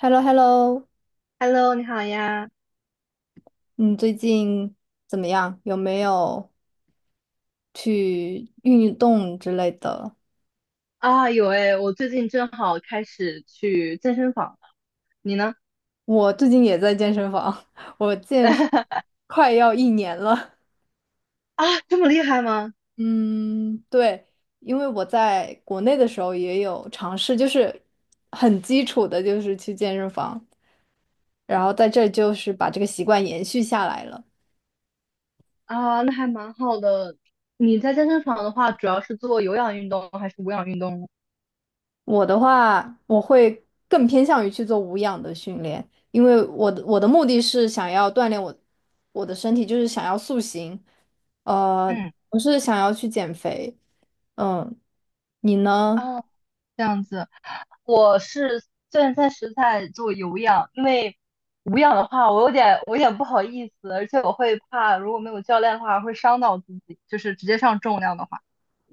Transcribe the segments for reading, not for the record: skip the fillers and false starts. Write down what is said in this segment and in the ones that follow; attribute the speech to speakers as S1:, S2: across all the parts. S1: h e l l o h e l l o
S2: Hello，你好呀！
S1: 你最近怎么样？有没有去运动之类的？
S2: 啊，有诶，我最近正好开始去健身房了。你呢？
S1: 我最近也在健身房，我健身 快要1年了。
S2: 啊，这么厉害吗？
S1: 嗯，对，因为我在国内的时候也有尝试，就是很基础的，就是去健身房，然后在这就是把这个习惯延续下来了。
S2: 啊，那还蛮好的。你在健身房的话，主要是做有氧运动还是无氧运动呢？
S1: 我的话，我会更偏向于去做无氧的训练，因为我的目的是想要锻炼我的身体，就是想要塑形，呃，
S2: 嗯，
S1: 不是想要去减肥。嗯，你呢？
S2: 啊，这样子。我是现在是在做有氧，因为无氧的话，我有点不好意思，而且我会怕如果没有教练的话会伤到自己，就是直接上重量的话。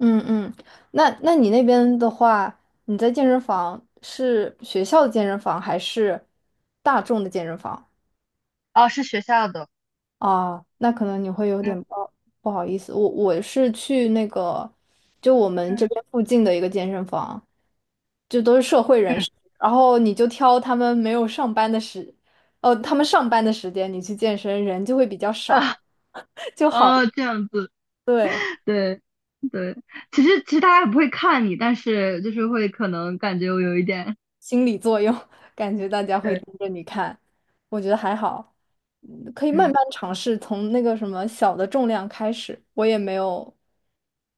S1: 嗯嗯，那你那边的话，你在健身房是学校的健身房还是大众的健身房？
S2: 啊，是学校的。
S1: 啊，那可能你会有点
S2: 嗯
S1: 不好意思，我是去那个就我们这边
S2: 嗯。
S1: 附近的一个健身房。就都是社会人
S2: 嗯。
S1: 士，然后你就挑他们没有上班的时，哦，他们上班的时间你去健身，人就会比较少，
S2: 啊。
S1: 就好，
S2: 哦，这样子，
S1: 对，
S2: 对，对，其实大家也不会看你，但是就是会可能感觉我有一点
S1: 心理作用，感觉 大家会
S2: 对，
S1: 盯着你看，我觉得还好，可以慢
S2: 嗯，
S1: 慢尝试，从那个什么小的重量开始，我也没有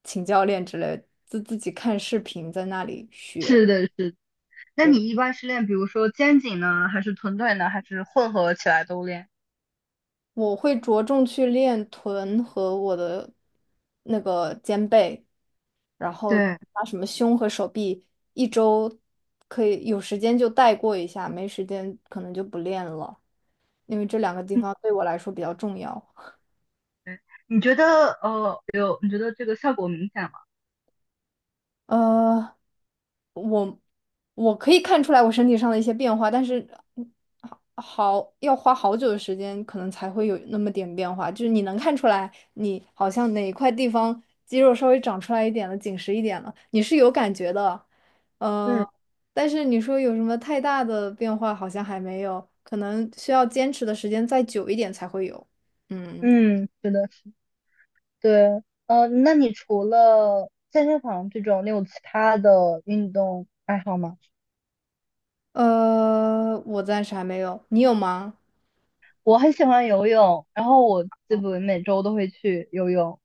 S1: 请教练之类的，自己看视频在那里学。
S2: 是的，是的。那
S1: 对。
S2: 你一般是练，比如说肩颈呢，还是臀腿呢，还是混合起来都练？
S1: 我会着重去练臀和我的那个肩背，然后
S2: 对，
S1: 把什么胸和手臂一周可以有时间就带过一下，没时间可能就不练了，因为这两个地
S2: 嗯，
S1: 方对我来说比较重要。
S2: 对，你觉得你觉得这个效果明显吗？
S1: 呃，我可以看出来我身体上的一些变化，但是嗯好要花好久的时间，可能才会有那么点变化。就是你能看出来，你好像哪一块地方肌肉稍微长出来一点了，紧实一点了，你是有感觉的。呃，
S2: 嗯，
S1: 但是你说有什么太大的变化，好像还没有，可能需要坚持的时间再久一点才会有。嗯，
S2: 嗯，是的，是的。对，那你除了健身房这种，你有其他的运动爱好吗？
S1: 我暂时还没有，你有吗？
S2: 我很喜欢游泳，然后我基本每周都会去游泳。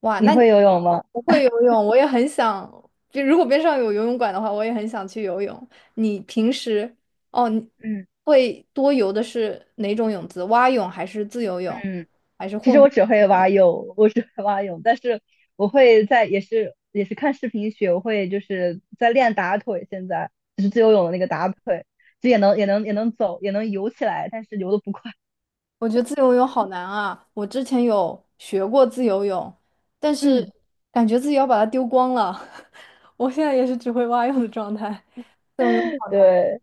S1: 哇，
S2: 你
S1: 那你
S2: 会游泳吗？
S1: 不会游泳，我也很想。就如果边上有游泳馆的话，我也很想去游泳。你平时哦，你
S2: 嗯。
S1: 会多游的是哪种泳姿？蛙泳还是自由泳，
S2: 嗯。
S1: 还是
S2: 其实
S1: 混合？
S2: 我只会蛙泳，我只会蛙泳，但是我会在也是看视频学，我会就是在练打腿，现在就是自由泳的那个打腿，就也能走，也能游起来，但是游的不快。
S1: 我觉得自由泳好难啊！我之前有学过自由泳，但是
S2: 嗯，
S1: 感觉自己要把它丢光了。我现在也是只会蛙泳的状态。
S2: 对，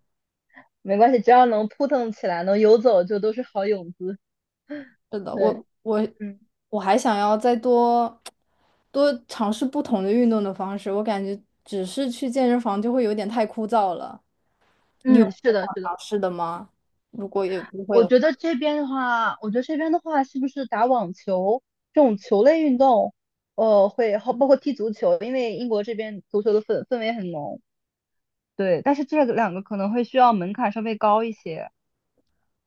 S2: 没关系，只要能扑腾起来，能游走就都是好泳姿。
S1: 是的，
S2: 对，
S1: 我
S2: 嗯
S1: 我还想要再多多尝试不同的运动的方式，我感觉只是去健身房就会有点太枯燥了。你有什
S2: 嗯，是
S1: 么
S2: 的，
S1: 想
S2: 是的。
S1: 尝试的吗？如果有机会的话，
S2: 我觉得这边的话，是不是打网球这种球类运动，会好，包括踢足球，因为英国这边足球的氛围很浓，对。但是这两个可能会需要门槛稍微高一些。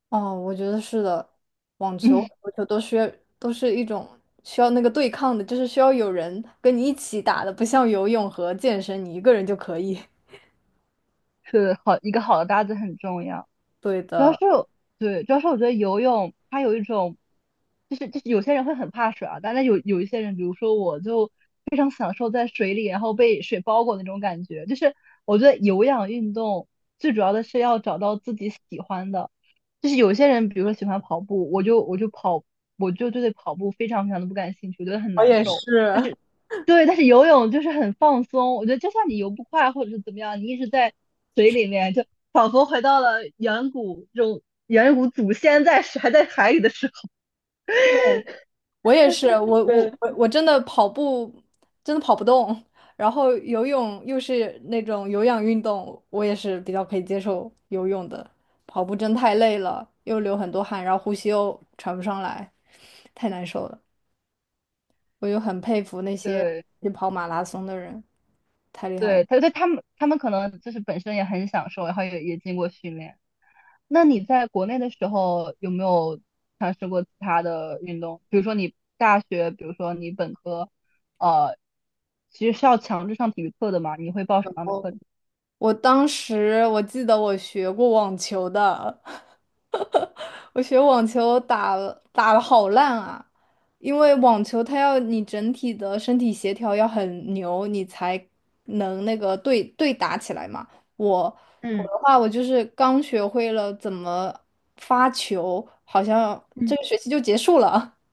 S1: 哦，我觉得是的，网 球、
S2: 嗯，
S1: 足球都需要都是一种需要那个对抗的，就是需要有人跟你一起打的，不像游泳和健身，你一个人就可以。
S2: 是好，一个好的搭子很重要。
S1: 对
S2: 主要是
S1: 的，
S2: 对，主要是我觉得游泳它有一种，就是有些人会很怕水啊，但是有一些人，比如说我就非常享受在水里，然后被水包裹那种感觉。就是我觉得有氧运动最主要的是要找到自己喜欢的，就是有些人比如说喜欢跑步，我就跑，我就对跑步非常非常的不感兴趣，我觉得很
S1: 我
S2: 难
S1: 也
S2: 受。
S1: 是。
S2: 对，但是游泳就是很放松，我觉得就算你游不快或者是怎么样，你一直在水里面，就仿佛回到了远古这种远古祖先在还在海里的时候。
S1: 我也是，我我
S2: 对，
S1: 我我真的跑步真的跑不动，然后游泳又是那种有氧运动，我也是比较可以接受游泳的。跑步真太累了，又流很多汗，然后呼吸又喘不上来，太难受了。我就很佩服那些
S2: 对，
S1: 去跑马拉松的人，太厉害了。
S2: 对，他们可能就是本身也很享受，然后也经过训练。那你在国内的时候有没有尝试过其他的运动？比如说你大学，比如说你本科，呃，其实是要强制上体育课的嘛？你会报什么样的课程？
S1: 我当时我记得我学过网球的，我学网球打了好烂啊，因为网球它要你整体的身体协调要很牛，你才能那个对打起来嘛。我我
S2: 嗯。
S1: 的话，我就是刚学会了怎么发球，好像这
S2: 嗯。
S1: 个学期就结束了。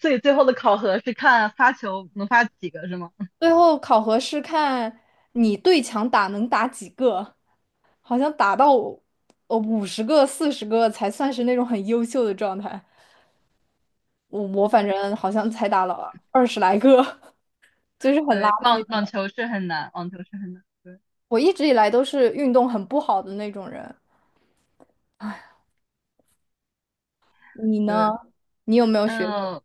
S2: 所以最后的考核是看发球能发几个，是吗？
S1: 最后考核是看你对墙打能打几个，好像打到50个、40个才算是那种很优秀的状态。我反正好像才打了20来个，就是很垃
S2: 对，网
S1: 圾。
S2: 网球是很难，网球是很难。对，
S1: 我一直以来都是运动很不好的那种人，你呢？
S2: 对，
S1: 你有没有学
S2: 嗯，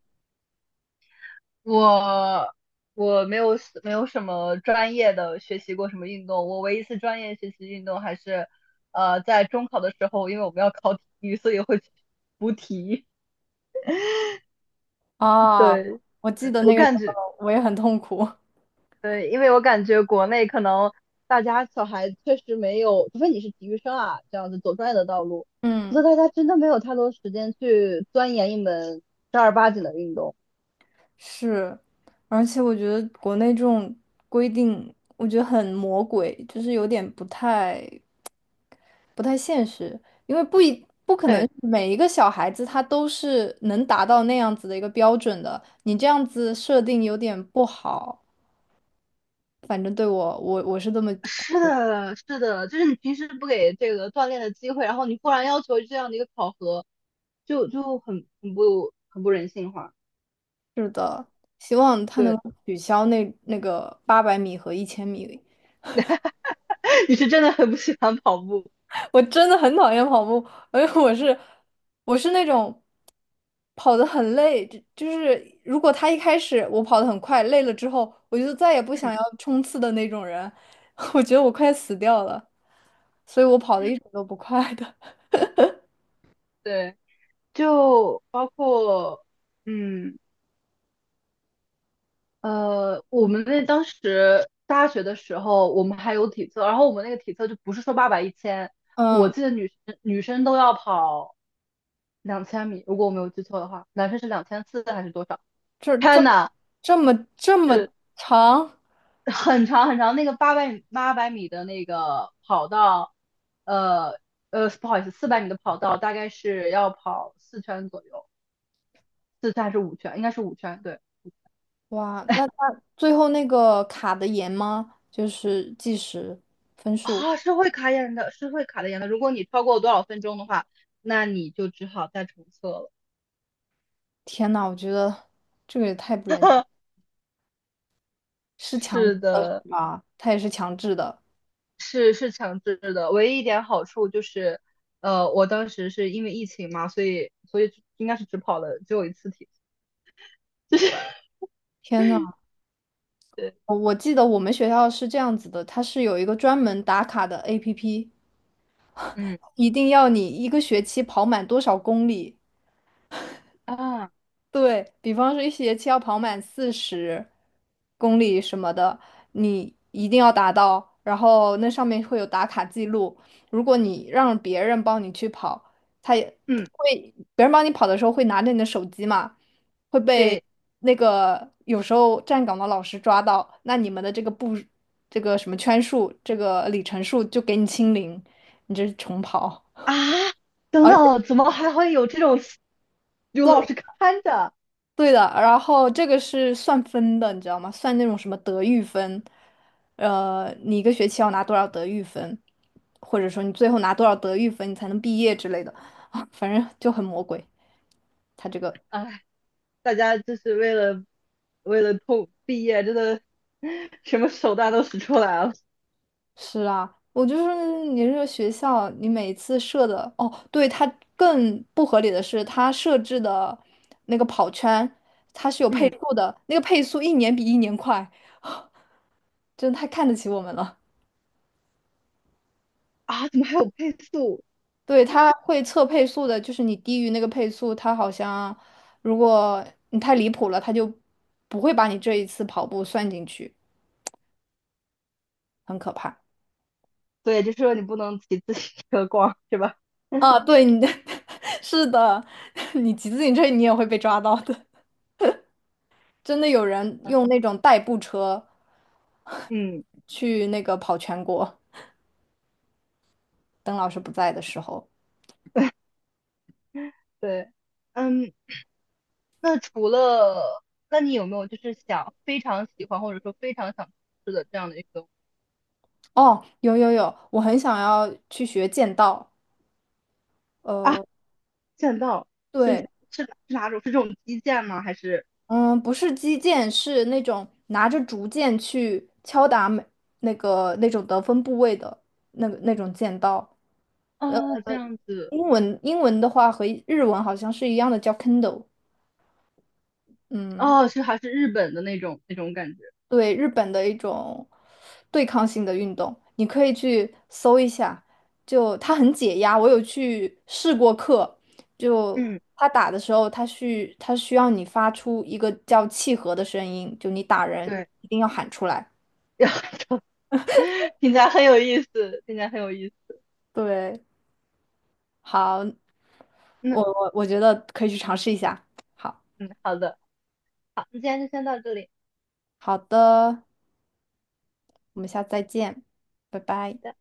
S2: 我我没有什么专业的学习过什么运动，我唯一一次专业学习运动还是，在中考的时候，因为我们要考体育，所以会去补体育。
S1: 啊？
S2: 对，
S1: 我记
S2: 对
S1: 得
S2: 我
S1: 那个时
S2: 感
S1: 候
S2: 觉
S1: 我也很痛苦。
S2: 对，因为我感觉国内可能大家小孩确实没有，除非你是体育生啊，这样子走专业的道路，否
S1: 嗯，
S2: 则大家真的没有太多时间去钻研一门正儿八经的运动。
S1: 是，而且我觉得国内这种规定，我觉得很魔鬼，就是有点不太现实，因为不可能
S2: 对，
S1: 每一个小孩子他都是能达到那样子的一个标准的，你这样子设定有点不好。反正对我，我是这么
S2: 是的，是的，就是你平时不给这个锻炼的机会，然后你忽然要求这样的一个考核，就就很不人性化。
S1: 是的，希望他能
S2: 对，
S1: 够取消那个800米和1000米。
S2: 你是真的很不喜欢跑步，
S1: 我真的很讨厌跑步，而且我是那种。跑得很累，就是如果他一开始我跑得很快，累了之后，我就再也不
S2: 嗯，
S1: 想要冲刺的那种人，我觉得我快死掉了，所以我跑得一直都不快的。
S2: 对，就包括嗯。我们那当时大学的时候，我们还有体测，然后我们那个体测就不是说八百一千，我
S1: 嗯，
S2: 记得女生都要跑2000米，如果我没有记错的话，男生是2400还是多少
S1: 这
S2: 天
S1: 这
S2: h
S1: 这么
S2: 是
S1: 长，
S2: 很长很长，那个八百米的那个跑道，呃不好意思，400米的跑道大概是要跑四圈左右，四圈还是五圈？应该是五圈，对。
S1: 哇，那他最后那个卡的严吗？就是计时分数。
S2: 啊，是会卡眼的，是会卡的眼的。如果你超过多少分钟的话，那你就只好再重测了。
S1: 天呐，我觉得这个也太不人性，是强制
S2: 是
S1: 的
S2: 的，
S1: 是吧？他也是强制的。
S2: 是是强制的。唯一一点好处就是，我当时是因为疫情嘛，所以应该是只跑了只有一次题，就是
S1: 天呐。
S2: 对，
S1: 我记得我们学校是这样子的，它是有一个专门打卡的 APP，
S2: 嗯，
S1: 一定要你一个学期跑满多少公里，
S2: 啊，
S1: 对，比方说一学期要跑满40公里什么的，你一定要达到，然后那上面会有打卡记录。如果你让别人帮你去跑，他也
S2: 嗯，
S1: 会，别人帮你跑的时候会拿着你的手机嘛，会被
S2: 对
S1: 那个有时候站岗的老师抓到，那你们的这个步，这个什么圈数，这个里程数就给你清零，你这是重跑。
S2: 啊，等
S1: 而
S2: 等，怎么还会有这种 有老师看着？
S1: 对的，然后这个是算分的，你知道吗？算那种什么德育分，你一个学期要拿多少德育分，或者说你最后拿多少德育分，你才能毕业之类的，啊，反正就很魔鬼。他这个
S2: 啊，大家就是为了通毕业，真的什么手段都使出来了。
S1: 是啊，我就是你这个学校，你每次设的，哦，对，它更不合理的是，它设置的那个跑圈，它是有配
S2: 嗯，
S1: 速的，那个配速一年比一年快，真的太看得起我们了。
S2: 啊，怎么还有配速？
S1: 对，它会测配速的，就是你低于那个配速，它好像如果你太离谱了，它就不会把你这一次跑步算进去，很可怕。
S2: 对，就是说你不能骑自行车逛，是吧？
S1: 啊，对，你的 是的，你骑自行车你也会被抓到的。真的有人
S2: 嗯，
S1: 用那种代步车
S2: 嗯，
S1: 去那个跑全国，邓老师不在的时候。
S2: 对，嗯，那除了，那你有没有就是想非常喜欢或者说非常想吃的这样的一个
S1: 哦，有有有，我很想要去学剑道。
S2: 啊？
S1: 呃，
S2: 剑道
S1: 对，
S2: 是哪种？是这种击剑吗？还是
S1: 嗯，不是击剑，是那种拿着竹剑去敲打每那个那种得分部位的那个那种剑刀。呃，
S2: 啊这样子？
S1: 英文的话和日文好像是一样的，叫 Kendo。嗯，
S2: 哦，是还是日本的那种感觉？
S1: 对，日本的一种对抗性的运动，你可以去搜一下，就它很解压。我有去试过课，就
S2: 嗯，
S1: 他打的时候，他需要你发出一个叫契合的声音，就你打人
S2: 对，
S1: 一定要喊出来。
S2: 要。听起来很有意思，听起来很有意思。
S1: 对。好，
S2: 嗯，
S1: 我觉得可以去尝试一下。好，
S2: 嗯，好的，好，那今天就先到这里。
S1: 好的，我们下次再见，拜
S2: 好
S1: 拜。
S2: 的